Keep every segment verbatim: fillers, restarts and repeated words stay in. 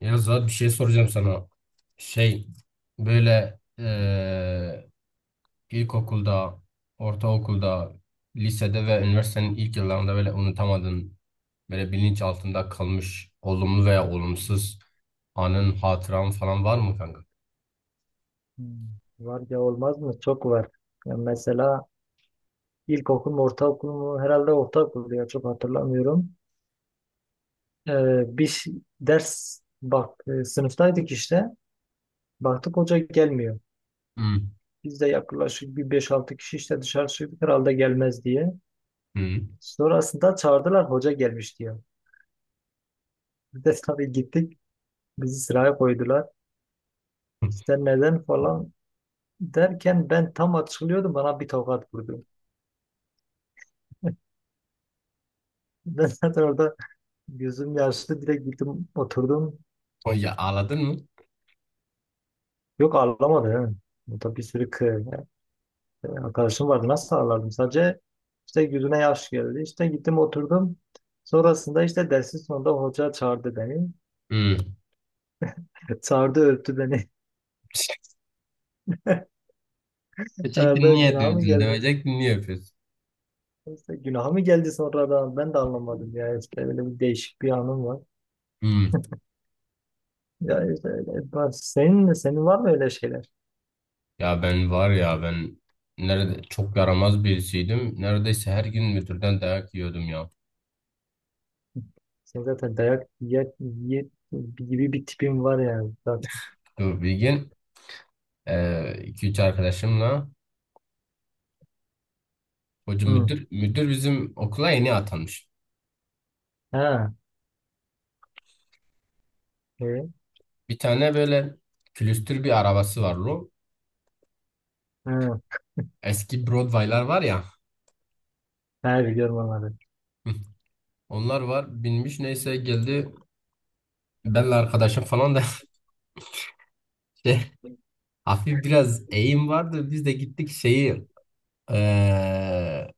Ya Zuhat bir şey soracağım sana. Şey böyle eee ilkokulda, ortaokulda, lisede ve üniversitenin ilk yıllarında böyle unutamadığın, böyle bilinç altında kalmış olumlu veya olumsuz anın, hatıran falan var mı kanka? Hmm, Var ya olmaz mı? Çok var. Ya mesela ilkokul mu ortaokul mu? Herhalde ortaokul ya çok hatırlamıyorum. Ee, bir ş- ders bak e, sınıftaydık işte. Baktık hoca gelmiyor. Hı. Biz de yaklaşık bir beş altı kişi işte dışarı çıktık herhalde gelmez diye. Hı. Sonrasında çağırdılar hoca gelmiş diyor. Biz de tabii gittik. Bizi sıraya koydular. İşte neden falan derken ben tam açılıyordum bana bir tokat vurdu. Ben zaten orada, gözüm yaşlı direkt gittim oturdum. O ya, ağladın mı? Yok ağlamadı. He. Burada bir sürü kı- e, arkadaşım vardı. Nasıl ağlardım? Sadece işte yüzüne yaş geldi. İşte gittim oturdum. Sonrasında işte dersin sonunda hoca çağırdı beni. Hı. Çağırdı öptü beni. Diyecektin Herhalde niye günah mı dövdün? geldi? Dövecektin niye öpüyorsun? İşte günah mı geldi sonradan? Ben de anlamadım. Yani işte öyle bir değişik bir anım var. Hmm. Ya işte öyle. Ben- Senin, senin var mı öyle şeyler? Ya ben var ya ben nerede çok yaramaz birisiydim. Neredeyse her gün müdürden dayak yiyordum ya. Senin zaten dayak ye, ye- gibi bir tipin var yani zaten. Dur bir gün eee, iki üç arkadaşımla hoca Hı. müdür müdür bizim okula yeni atanmış. Ha. E, Bir tane böyle külüstür bir arabası var lo. ha. Eski Broadway'lar var ya. Ha, biliyorum onları. Onlar var binmiş neyse geldi. Benle arkadaşım falan da şey, hafif biraz eğim vardı. Biz de gittik şeyi eee,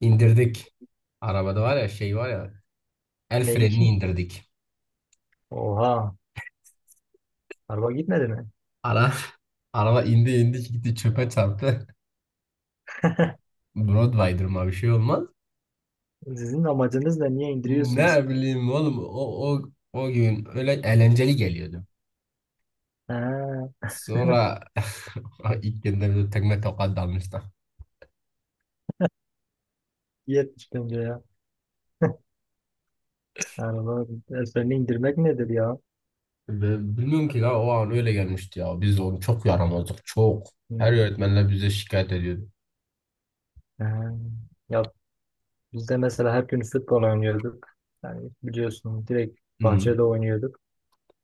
indirdik. Arabada var ya şey var ya el e frenini indirdik. Oha. Araba gitmedi mi? Ara, Araba indi indi gitti çöpe çarptı. Broadway'dır mı bir şey olmaz. Sizin amacınız da niye indiriyorsunuz? Ne bileyim oğlum o, o, o gün öyle eğlenceli geliyordu. Ha, Sonra ilk günde bir tekme tokat dalmışlar. yetmiş bence ya. Araba ezberini indirmek nedir ya? Ve bilmiyorum ki la o an öyle gelmişti ya. Biz onu çok yaramazdık çok. Her Hmm. öğretmenler bize şikayet ediyordu. Ha. Ya biz de mesela her gün futbol oynuyorduk. Yani biliyorsun direkt bahçede Hmm. oynuyorduk.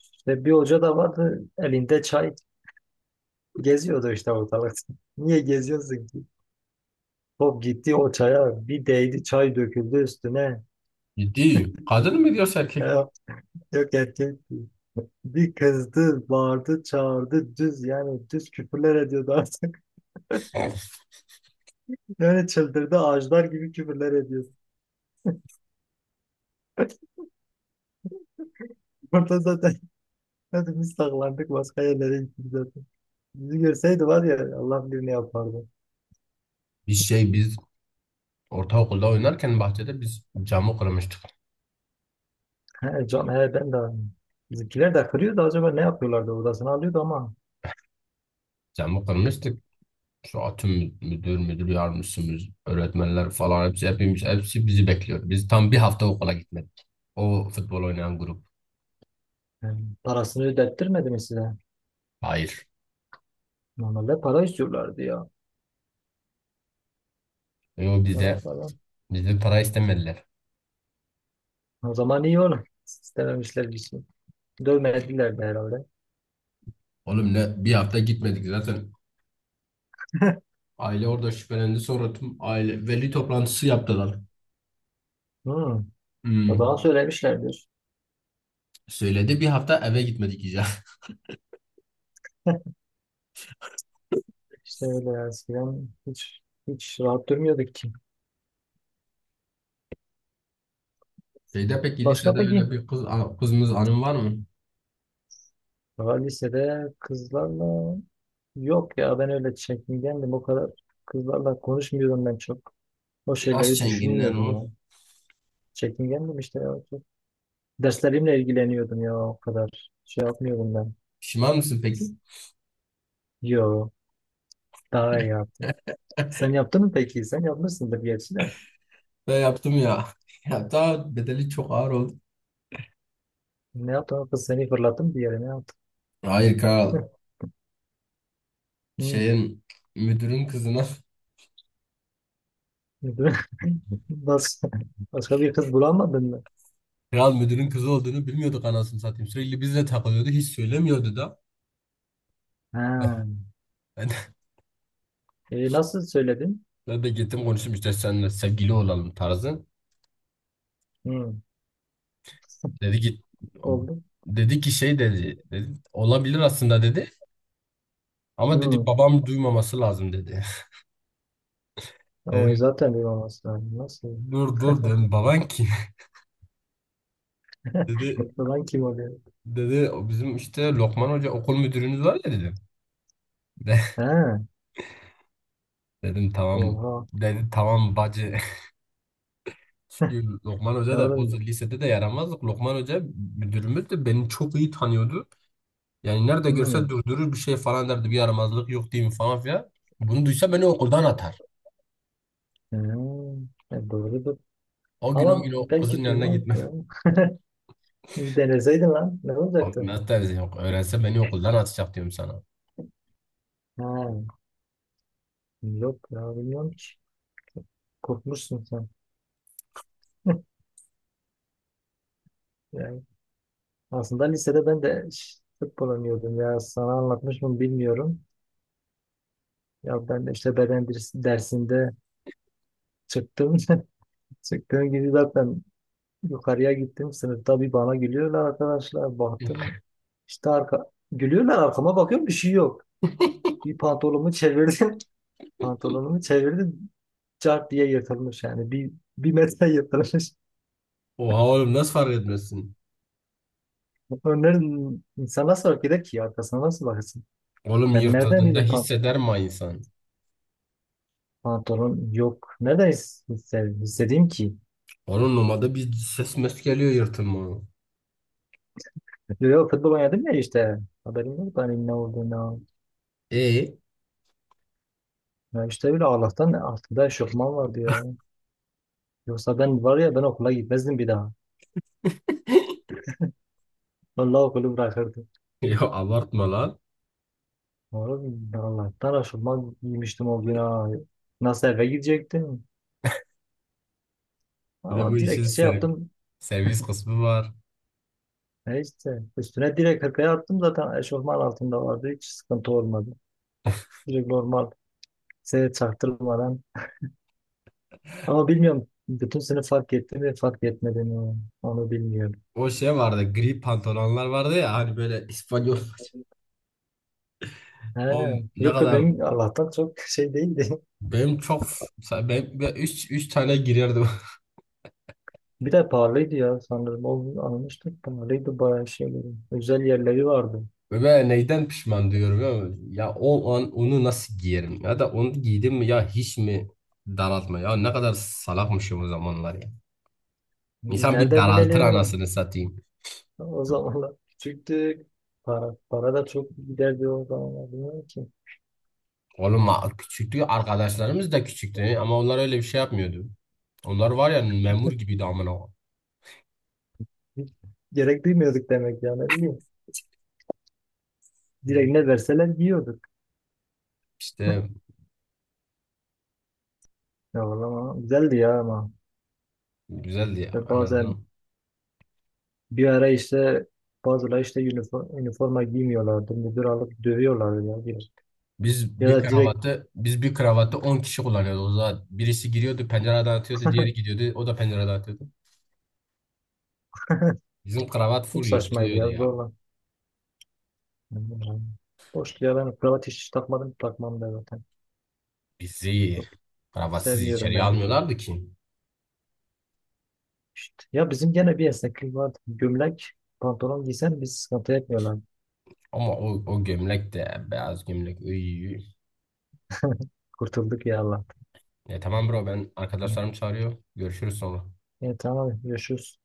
İşte bir hoca da vardı elinde çay geziyordu işte ortalıkta. Niye geziyorsun ki? Top gitti o çaya bir değdi çay döküldü üstüne. Ciddi. Kadın mı diyorsa erkek? Ya, yok etki. Bir kızdı, bağırdı, çağırdı, düz yani düz küfürler ediyordu artık. Yani çıldırdı, ağaçlar gibi küfürler ediyordu. Burada zaten hadi biz saklandık başka yerlere gittik zaten. Bizi görseydi var ya Allah bilir ne yapardı. Bir şey biz ortaokulda oynarken bahçede biz camı kırmıştık. He, can, he, ben de. Bizimkiler de kırıyordu acaba ne yapıyorlardı odasını alıyordu ama. Camı kırmıştık. Şu atım müdür, müdür yardımcısımız, öğretmenler falan hepsi hepimiz hepsi bizi bekliyor. Biz tam bir hafta okula gitmedik. O futbol oynayan grup. Yani parasını ödettirmedi mi size? Hayır. Normalde para istiyorlardı ya. E o bize Para falan. bizden para istemediler. O zaman iyi olur. İstememişler bir şey. Dövmediler de herhalde. Oğlum ne bir hafta gitmedik zaten. Aile orada şüphelendi sonra tüm aile veli toplantısı yaptılar. Hmm. O zaman Hmm. söylemişlerdir. Söyledi bir hafta eve gitmedik ya. İşte öyle eskiden hiç hiç rahat durmuyorduk ki. Şeyde peki Başka lisede öyle peki? bir kız a- kızımız anım var mı? Daha lisede kızlarla yok ya, ben öyle çekingendim o kadar, kızlarla konuşmuyordum ben çok. O Nasıl şeyleri çenginden düşünmüyordum ya. o? Çekingendim işte ya. Çok. Derslerimle ilgileniyordum ya o kadar. Şey yapmıyordum ben. Pişman mısın peki? Yo, daha iyi yaptım. Sen yaptın mı peki? Sen yapmışsındır gerçi de. Ben yaptım ya. Ya daha bedeli çok ağır oldu. Ne yaptın? O kız seni fırlattım bir yere ne yaptın? Hayır kral. Hı. Şeyin müdürün kızına. Başka, başka bir kız bulamadın mı? Kral müdürün kızı olduğunu bilmiyorduk anasını satayım. Sürekli bizle takılıyordu. Hiç söylemiyordu da. Ben, Ha. ben, de, E, nasıl söyledin? ben de gittim konuştum işte seninle sevgili olalım tarzı. Hmm, Dedi git oldu. dedi ki şey dedi, dedi olabilir aslında dedi. Ama dedi Hmm. babam duymaması lazım dedi. O Dedim zaten bir maması lazım. Nasıl? dur dur dedim baban kim? Dedi Falan kim oluyor? dedi "O bizim işte Lokman Hoca okul müdürümüz var ya dedim. De- Ha, Dedim tamam oha. dedi tamam bacı. Çünkü Lokman Hoca Ne da o olabilir? lisede de yaramazdık. Lokman Hoca müdürümüz de beni çok iyi tanıyordu. Yani nerede Hmm. görse durdurur bir şey falan derdi. Bir yaramazlık yok diyeyim falan filan. Bunu duysa beni okuldan atar. Hmm. E, doğrudur. O gün o Ama gün o kızın belki yanına duymaz gitmem. ya. Bir deneseydin lan. Ne Abi olacaktı? nasıl dersin yok. Öğrense beni okuldan atacak diyorum sana. Ha, yok ya bilmiyorum ki. Korkmuşsun sen. Yani aslında lisede ben de ş- futbol oynuyordum ya. Sana anlatmış mı bilmiyorum. Ya ben de işte beden ders- dersinde çıktım. Sektörün gibi zaten yukarıya gittim. Sınıfta bir bana gülüyorlar arkadaşlar. Baktım işte arka... gülüyorlar, arkama bakıyorum bir şey yok. Bir pantolonumu çevirdim. Pantolonumu çevirdim. Cart diye yırtılmış yani. Bir, bir metre yırtılmış. Oha oğlum nasıl fark etmezsin? Önlerin insan nasıl fark eder ki? Arkasına nasıl bakarsın? Oğlum Ben nereden yırtıldığında bileyim pan- hisseder mi insan? pantolon yok. Nereden his- hisse- hissedeyim ki? Onun numarada bir ses mes geliyor yırtılma. Yok futbol oynadım ya işte. Haberim yok da hani ne olduğunu. E? Ya işte bile Allah'tan altında eşofman vardı ya. Yoksa ben var ya ben okula gitmezdim bir daha. Vallahi okulu bırakırdım. Ya abartma lan. Oğlum Allah'tan aşılmaz giymiştim o gün ha. Nasıl eve gidecektim? Bir de bu Ama direkt işin şey servis, yaptım. servis kısmı var. E işte üstüne direkt hırkayı attım zaten eşofman altında vardı. Hiç sıkıntı olmadı. Direkt normal size çaktırmadan. Ama bilmiyorum bütün sınıf fark etti mi fark etmedi mi onu bilmiyorum. O şey vardı gri pantolonlar vardı ya hani böyle İspanyol He, o ne yok ya kadar benim Allah'tan çok şey değildi. benim çok ben üç üç tane girerdim. Bir de pahalıydı ya sanırım. O gün almıştık pahalıydı bayağı şey. Özel yerleri vardı. Ve ben neyden pişman diyorum ya. Ya o an onu nasıl giyerim ya da onu giydim mi ya hiç mi daraltma ya ne kadar salakmışım o zamanlar ya. Biz İnsan bir nereden daraltır bilelim? anasını satayım. O zamanlar küçüktük. Para, para da çok giderdi o zamanlar. Bilmiyorum ki. Oğlum a- küçüktü arkadaşlarımız da küçüktü ama onlar öyle bir şey yapmıyordu. Onlar var ya memur gibiydi amına koyayım. Hiç gerek duymuyorduk demek yani ne bileyim. Direkt ne verseler yiyorduk. İşte Ya vallahi güzeldi ya ama. güzeldi ya, İşte en bazen azından. bir ara işte bazıları işte üniforma, üniforma giymiyorlardı. Müdür alıp dövüyorlardı ya. Bir. Biz Ya bir da direkt kravatı biz bir kravatı on kişi kullanıyordu. O zaman birisi giriyordu pencereden atıyordu, diğeri gidiyordu, o da pencereden atıyordu. Bizim kravat full çok saçmaydı yırtılıyordu ya ya. zorla. Yani boş ya, ben kravat hiç takmadım takmam da zaten. Bizi Çok kravatsız sevmiyorum ben, içeriye yani. almıyorlardı ki. İşte, ya bizim gene bir esneklik vardı. Gömlek pantolon giysen biz sıkıntı etmiyorlar. Ama o, o gömlek de beyaz gömlek. Iy. Kurtulduk ya Allah. Ya tamam bro ben arkadaşlarım çağırıyor. Görüşürüz sonra. Evet tamam görüşürüz.